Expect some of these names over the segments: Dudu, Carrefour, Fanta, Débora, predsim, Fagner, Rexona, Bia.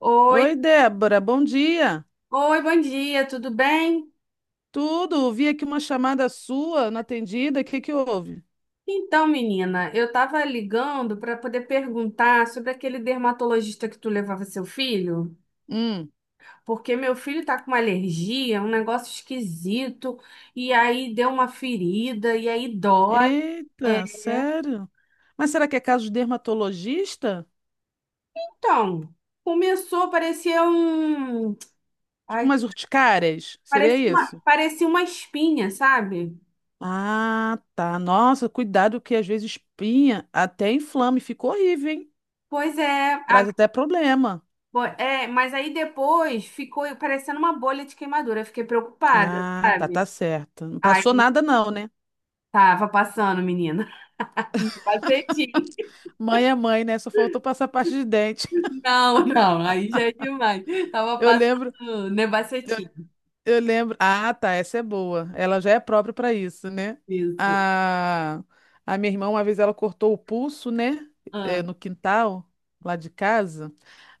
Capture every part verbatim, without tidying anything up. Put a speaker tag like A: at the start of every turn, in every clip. A: Oi,
B: Oi, Débora, bom dia.
A: oi, bom dia, tudo bem?
B: Tudo? Vi aqui uma chamada sua não atendida. O que que houve?
A: Então, menina, eu tava ligando para poder perguntar sobre aquele dermatologista que tu levava seu filho,
B: Hum.
A: porque meu filho tá com uma alergia, um negócio esquisito, e aí deu uma ferida, e aí dói. É,
B: Eita, sério? Mas será que é caso de dermatologista?
A: então, começou, parecia um.
B: Tipo
A: Ai,
B: umas urticárias? Seria
A: parecia uma,
B: isso?
A: parecia uma espinha, sabe?
B: Ah, tá. Nossa, cuidado que às vezes espinha até inflama e fica horrível, hein?
A: Pois é,
B: Traz até problema.
A: Bo- É, mas aí depois ficou parecendo uma bolha de queimadura. Eu fiquei preocupada,
B: Ah, tá,
A: sabe?
B: tá certo. Não passou
A: Aí
B: nada não, né?
A: tava passando, menina. Nebacetim.
B: Mãe é mãe, né? Só faltou passar parte de dente.
A: Não, não, aí já é demais. Tava
B: Eu lembro.
A: passando nebacetim.
B: Eu lembro. Ah, tá, essa é boa. Ela já é própria para isso, né?
A: Isso.
B: A... a minha irmã, uma vez, ela cortou o pulso, né?
A: Ah.
B: É, no quintal, lá de casa.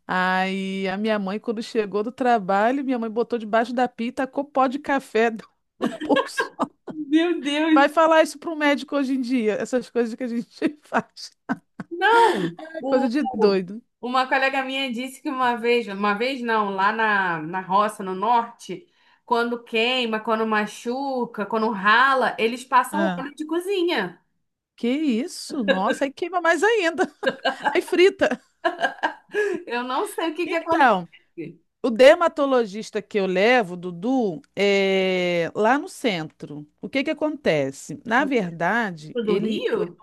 B: Aí a minha mãe, quando chegou do trabalho, minha mãe botou debaixo da pia e tacou pó de café no no pulso.
A: Meu
B: Vai
A: Deus!
B: falar isso para um médico hoje em dia, essas coisas que a gente faz.
A: Não!
B: É coisa de
A: O,
B: doido.
A: uma colega minha disse que uma vez, uma vez não, lá na, na roça, no norte, quando queima, quando machuca, quando rala, eles passam
B: Ah,
A: óleo de cozinha.
B: que isso? Nossa, aí queima mais ainda. Aí frita.
A: Eu não sei o que que aconteceu.
B: Então. O dermatologista que eu levo, Dudu, é lá no centro. O que que acontece? Na verdade,
A: Do do
B: ele. O-
A: Rio?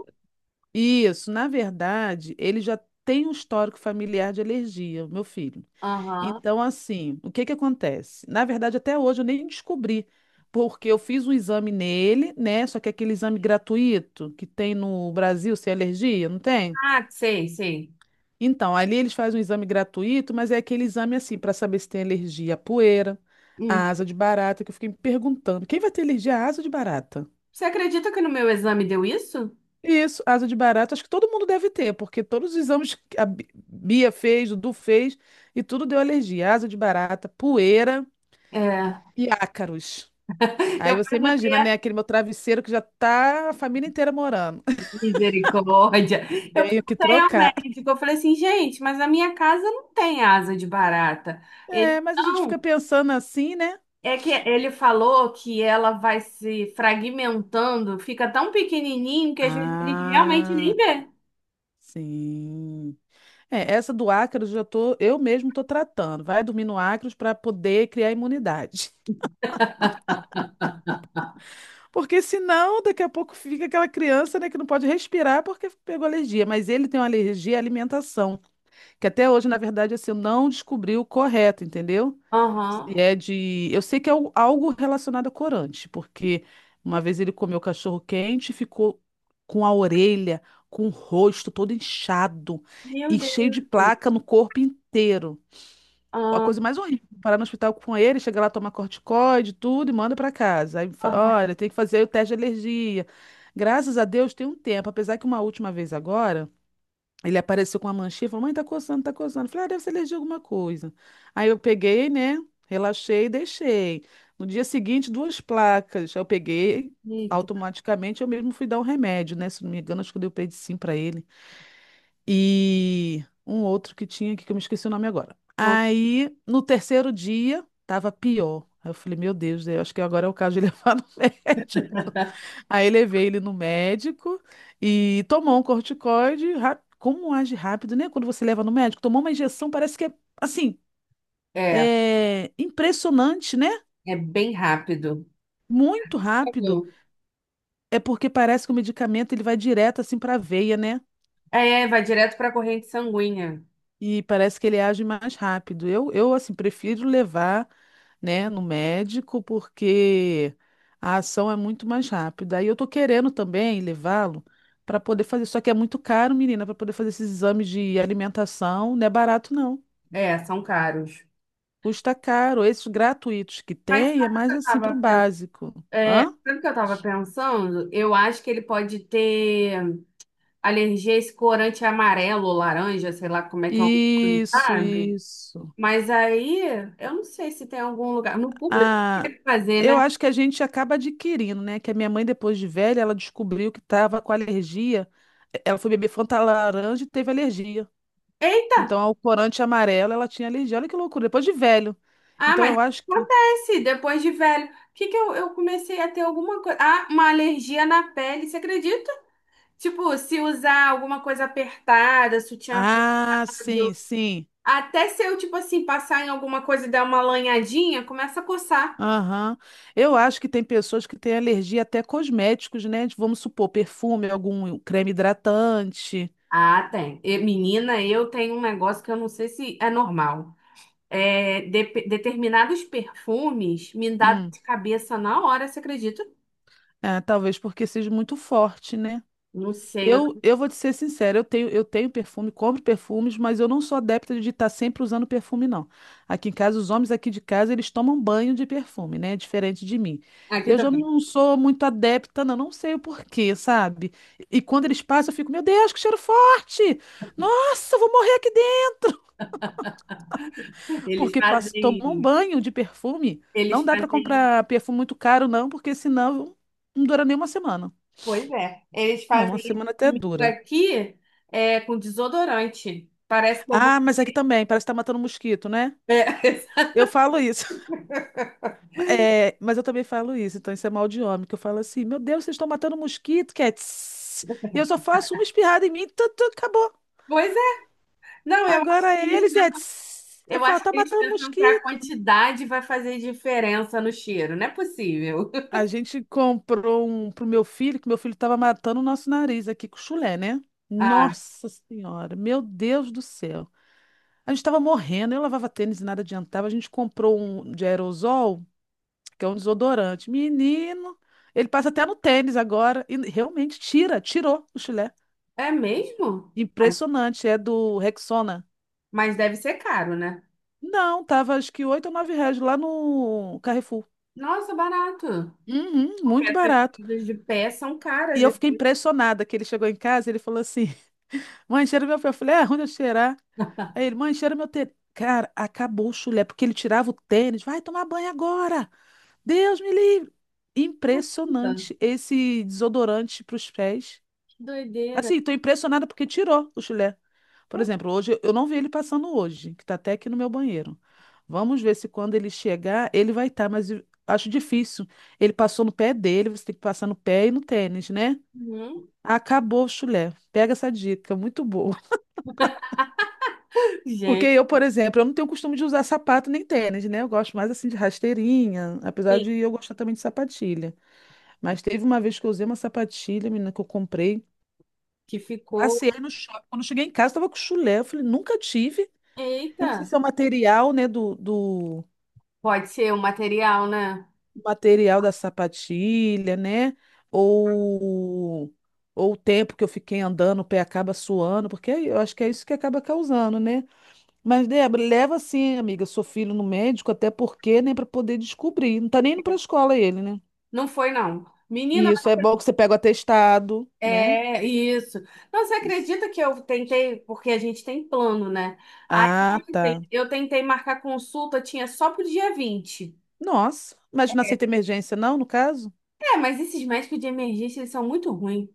B: Isso, na verdade, ele já tem um histórico familiar de alergia, o meu filho.
A: Aham.
B: Então, assim, o que que acontece? Na verdade, até hoje eu nem descobri, porque eu fiz um exame nele, né? Só que é aquele exame gratuito que tem no Brasil sem alergia, não tem?
A: Ah, sei, sei.
B: Então, ali eles fazem um exame gratuito, mas é aquele exame assim, para saber se tem alergia à poeira,
A: Hum.
B: à asa de barata, que eu fiquei me perguntando, quem vai ter alergia à asa de barata?
A: Você acredita que no meu exame deu isso?
B: Isso, asa de barata, acho que todo mundo deve ter, porque todos os exames que a Bi- Bia fez, o Dudu fez, e tudo deu alergia. Asa de barata, poeira
A: É,
B: e ácaros. Aí
A: eu
B: você
A: perguntei
B: imagina, né,
A: a
B: aquele meu travesseiro que já tá a família inteira morando.
A: misericórdia. Eu
B: Tenho que
A: perguntei ao
B: trocar.
A: médico, eu falei assim, gente, mas a minha casa não tem asa de barata. Ele
B: É, mas a gente fica
A: não.
B: pensando assim, né?
A: É que ele falou que ela vai se fragmentando, fica tão pequenininho que às vezes a gente realmente nem
B: Ah,
A: vê.
B: sim. É, essa do ácaros já tô, eu mesmo tô tratando. Vai dormir no ácaros para poder criar imunidade. Porque senão, daqui a pouco fica aquela criança, né, que não pode respirar porque pegou alergia. Mas ele tem uma alergia à alimentação, que até hoje, na verdade, assim, eu não descobri o correto, entendeu? Se
A: Aham.
B: é de, eu sei que é o- algo relacionado a corante, porque uma vez ele comeu cachorro quente e ficou com a orelha, com o rosto todo inchado
A: Meu
B: e
A: Deus.
B: cheio de placa no corpo inteiro. A
A: Ah,
B: coisa mais horrível, parar no hospital com ele, chega lá, toma corticoide, tudo e manda pra casa. Aí, fa-
A: ah,
B: olha, tem que fazer o teste de alergia. Graças a Deus tem um tempo, apesar que uma última vez agora, ele apareceu com uma manchinha, e falou: "Mãe, tá coçando, tá coçando". Eu falei: "Ah, deve ser alergia a alguma coisa". Aí eu peguei, né? Relaxei e deixei. No dia seguinte, duas placas. Eu peguei,
A: eita.
B: automaticamente eu mesmo fui dar um remédio, né? Se não me engano, acho que eu dei o predsim pra ele. E um outro que tinha aqui que eu me esqueci o nome agora. Aí, no terceiro dia, tava pior. Aí eu falei, meu Deus, eu acho que agora é o caso de levar no médico. Aí levei ele no médico e tomou um corticoide. ra- Como age rápido, né? Quando você leva no médico, tomou uma injeção, parece que é assim,
A: É,
B: é impressionante, né?
A: é bem rápido.
B: Muito rápido.
A: Entendeu?
B: É porque parece que o medicamento ele vai direto assim para a veia, né?
A: É, vai direto para a corrente sanguínea.
B: E parece que ele age mais rápido. Eu, eu assim, prefiro levar, né, no médico, porque a ação é muito mais rápida. Aí eu tô querendo também levá-lo para poder fazer, só que é muito caro, menina, para poder fazer esses exames de alimentação, não é barato não.
A: É, são caros.
B: Custa caro. Esses gratuitos que
A: Mas
B: tem é
A: sabe o que
B: mais
A: eu
B: assim para o
A: tava,
B: básico.
A: é,
B: Hã?
A: sabe o que eu tava pensando? Eu acho que ele pode ter alergia a esse corante amarelo, laranja, sei lá como é que é, o nome,
B: Isso,
A: sabe?
B: isso.
A: Mas aí, eu não sei se tem algum lugar. No público que
B: Ah,
A: ele fazer,
B: eu
A: né?
B: acho que a gente acaba adquirindo, né? Que a minha mãe, depois de velha, ela descobriu que estava com alergia. E- Ela foi beber Fanta laranja e teve alergia.
A: Eita!
B: Então, ao corante amarelo, ela tinha alergia. Olha que loucura, depois de velho.
A: Ah,
B: Então,
A: mas
B: eu acho que.
A: acontece, depois de velho. O que que eu, eu comecei a ter alguma coisa? Ah, uma alergia na pele, você acredita? Tipo, se usar alguma coisa apertada, sutiã
B: Ah, sim,
A: apertado.
B: sim.
A: Até se eu, tipo assim, passar em alguma coisa e dar uma lanhadinha, começa a coçar.
B: Aham. Eu acho que tem pessoas que têm alergia até a cosméticos, né? De, Vamos supor, perfume, algum creme hidratante.
A: Ah, tem. E, menina, eu tenho um negócio que eu não sei se é normal. É, de- determinados perfumes me dá dor
B: Hum.
A: de cabeça na hora, você acredita?
B: Ah, talvez porque seja muito forte, né?
A: Não sei. eu-
B: Eu, eu vou te ser sincera, eu tenho, eu tenho perfume, compro perfumes, mas eu não sou adepta de estar sempre usando perfume, não. Aqui em casa, os homens aqui de casa, eles tomam banho de perfume, né? Diferente de mim.
A: Aqui
B: Eu já
A: também.
B: não sou muito adepta, não, não sei o porquê, sabe? E quando eles passam, eu fico, meu Deus, que cheiro forte! Nossa, eu vou morrer aqui dentro!
A: Eles
B: Porque passam, tomam
A: fazem.
B: banho de perfume. Não
A: Eles
B: dá para
A: fazem.
B: comprar perfume muito caro, não, porque senão não dura nem uma semana.
A: Pois é. Eles
B: É, uma
A: fazem isso
B: semana até
A: comigo
B: dura.
A: aqui é, com desodorante. Parece que eu
B: Ah,
A: vou.
B: mas aqui também, parece que tá matando mosquito, né? Eu falo isso. É, mas eu também falo isso, então isso é mal de homem, que eu falo assim, meu Deus, vocês estão matando mosquito, que é tss. E eu
A: É.
B: só faço uma espirrada em mim, tu, tu, acabou.
A: Pois é. Não, eu acho
B: Agora
A: que
B: é
A: eles
B: eles é
A: pensam,
B: tss. Eu
A: eu
B: falo,
A: acho
B: tá
A: que eles
B: matando
A: pensam que a
B: mosquito.
A: quantidade vai fazer diferença no cheiro. Não é possível.
B: A gente comprou um pro meu filho, que meu filho tava matando o nosso nariz aqui com chulé, né?
A: Ah,
B: Nossa Senhora, meu Deus do céu. A gente tava morrendo, eu lavava tênis e nada adiantava. A gente comprou um de aerosol, que é um desodorante. Menino, ele passa até no tênis agora e realmente tira, tirou o chulé.
A: é mesmo? Mas,
B: Impressionante, é do Rexona.
A: mas deve ser caro, né?
B: Não, tava acho que oito ou nove reais lá no Carrefour.
A: Nossa, barato.
B: Uhum,
A: Porque
B: muito
A: essas
B: barato.
A: coisas de pé são
B: E
A: caras.
B: eu fiquei impressionada que ele chegou em casa e ele falou assim: Mãe, cheira meu pé. Eu falei: É, onde eu cheirar? Aí ele, mãe, cheira meu tênis. Cara, acabou o chulé, porque ele tirava o tênis. Vai tomar banho agora. Deus me livre.
A: Eita,
B: Impressionante esse desodorante para os pés.
A: que doideira.
B: Assim, estou impressionada porque tirou o chulé. Por
A: Poxa,
B: exemplo, hoje eu não vi ele passando hoje, que está até aqui no meu banheiro. Vamos ver se quando ele chegar, ele vai estar, mas eu acho difícil. Ele passou no pé dele, você tem que passar no pé e no tênis, né?
A: hum.
B: Acabou o chulé. Pega essa dica, muito boa. Porque
A: Gente,
B: eu, por exemplo, eu não tenho costume de usar sapato nem tênis, né? Eu gosto mais assim de rasteirinha, apesar de eu gostar também de sapatilha. Mas teve uma vez que eu usei uma sapatilha, menina, que eu comprei.
A: que ficou.
B: Passei no shopping. Quando eu cheguei em casa, tava com chulé. Eu falei, nunca tive. Eu não sei
A: Eita,
B: se é o material, né, do, do
A: pode ser o material, né?
B: material da sapatilha, né? Ou, ou o tempo que eu fiquei andando, o pé acaba suando, porque é, eu acho que é isso que acaba causando, né? Mas, Débora, leva sim, amiga, seu filho no médico, até porque, né, para poder descobrir. Não tá nem indo pra escola ele, né?
A: Não foi, não.
B: E
A: Menina,
B: isso é bom que você pega o atestado, né?
A: é isso. Não, você
B: Isso.
A: acredita que eu tentei, porque a gente tem plano, né? Aí
B: Ah, tá.
A: ontem eu tentei marcar consulta, tinha só pro dia vinte.
B: Nossa, mas não aceita emergência, não, no caso?
A: É, mas esses médicos de emergência, eles são muito ruins.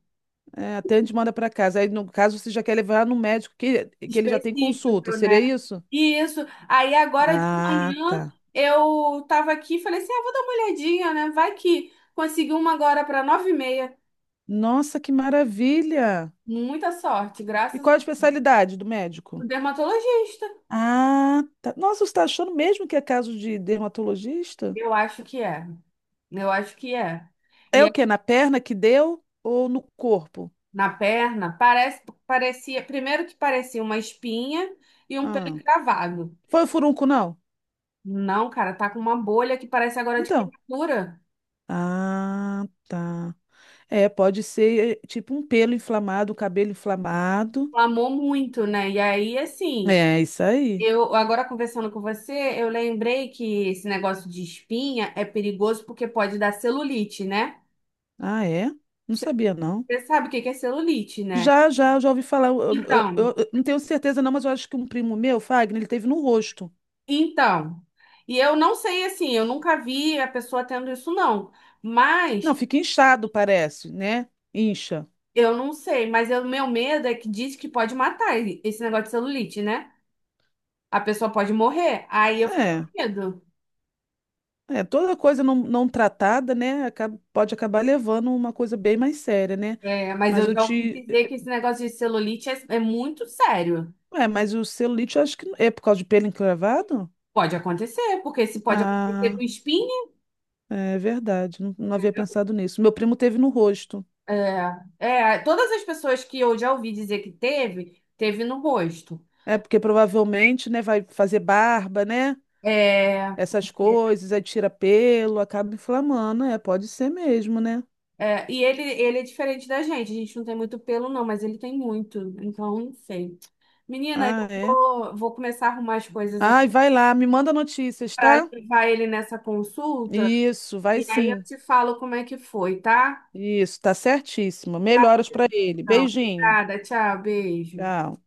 B: É, até a gente manda para casa. Aí, no caso, você já quer levar no médico que, que ele já tem consulta.
A: Específico, né?
B: Seria isso?
A: Isso. Aí agora de
B: Ah,
A: manhã
B: tá.
A: eu tava aqui e falei assim: ah, vou dar uma olhadinha, né? Vai que consegui uma agora para nove e meia.
B: Nossa, que maravilha!
A: Muita sorte,
B: E
A: graças
B: qual a
A: ao
B: especialidade do médico?
A: dermatologista.
B: Ah, tá. Nossa, você está achando mesmo que é caso de dermatologista?
A: Eu acho que é. Eu acho que é.
B: É
A: E
B: o quê? Na perna que deu ou no corpo?
A: na perna, parece, parecia, primeiro que parecia uma espinha e um pelo
B: Ah,
A: encravado.
B: foi o furúnculo, não?
A: Não, cara, tá com uma bolha que parece agora de
B: Então.
A: queimadura.
B: Ah, tá. É, pode ser eh, tipo um pelo inflamado, cabelo inflamado.
A: Inflamou muito, né? E aí, assim,
B: É, isso aí.
A: eu agora conversando com você, eu lembrei que esse negócio de espinha é perigoso porque pode dar celulite, né?
B: Ah, é? Não
A: Você
B: sabia, não.
A: você sabe o que que é celulite, né?
B: Já, já, já ouvi falar. Eu, eu-
A: Então,
B: eu- eu não tenho certeza, não, mas eu acho que um primo meu, Fagner, ele teve no rosto.
A: então. E eu não sei, assim, eu nunca vi a pessoa tendo isso, não.
B: Não,
A: Mas
B: fica inchado, parece, né? Incha.
A: eu não sei, mas o meu medo é que diz que pode matar esse negócio de celulite, né? A pessoa pode morrer. Aí eu fiquei
B: É,
A: com medo.
B: é, toda coisa não, não tratada, né? Acaba- pode acabar levando uma coisa bem mais séria, né?
A: É, mas
B: Mas
A: eu
B: eu
A: já ouvi
B: te.
A: dizer que esse negócio de celulite é, é muito sério.
B: É, mas o celulite, eu acho que é por causa de pelo encravado?
A: Pode acontecer, porque se pode acontecer com
B: Ah,
A: espinha,
B: é verdade. Não, não havia
A: entendeu?
B: pensado nisso. Meu primo teve no rosto.
A: É, é, todas as pessoas que eu já ouvi dizer que teve, teve no rosto.
B: É, porque provavelmente, né, vai fazer barba, né?
A: É,
B: Essas coisas, aí tira pelo, acaba inflamando, é, pode ser mesmo, né?
A: é, e ele, ele é diferente da gente. A gente não tem muito pelo, não, mas ele tem muito. Então, não sei. Menina,
B: Ah,
A: eu
B: é.
A: vou, vou começar a arrumar as coisas aqui
B: Ai, vai lá, me manda notícias,
A: para
B: tá?
A: levar ele nessa consulta
B: Isso, vai
A: e aí eu
B: sim.
A: te falo como é que foi, tá?
B: Isso, tá certíssimo.
A: Tá, bom,
B: Melhoras pra ele.
A: então.
B: Beijinho.
A: Obrigada, tchau, beijo.
B: Tchau.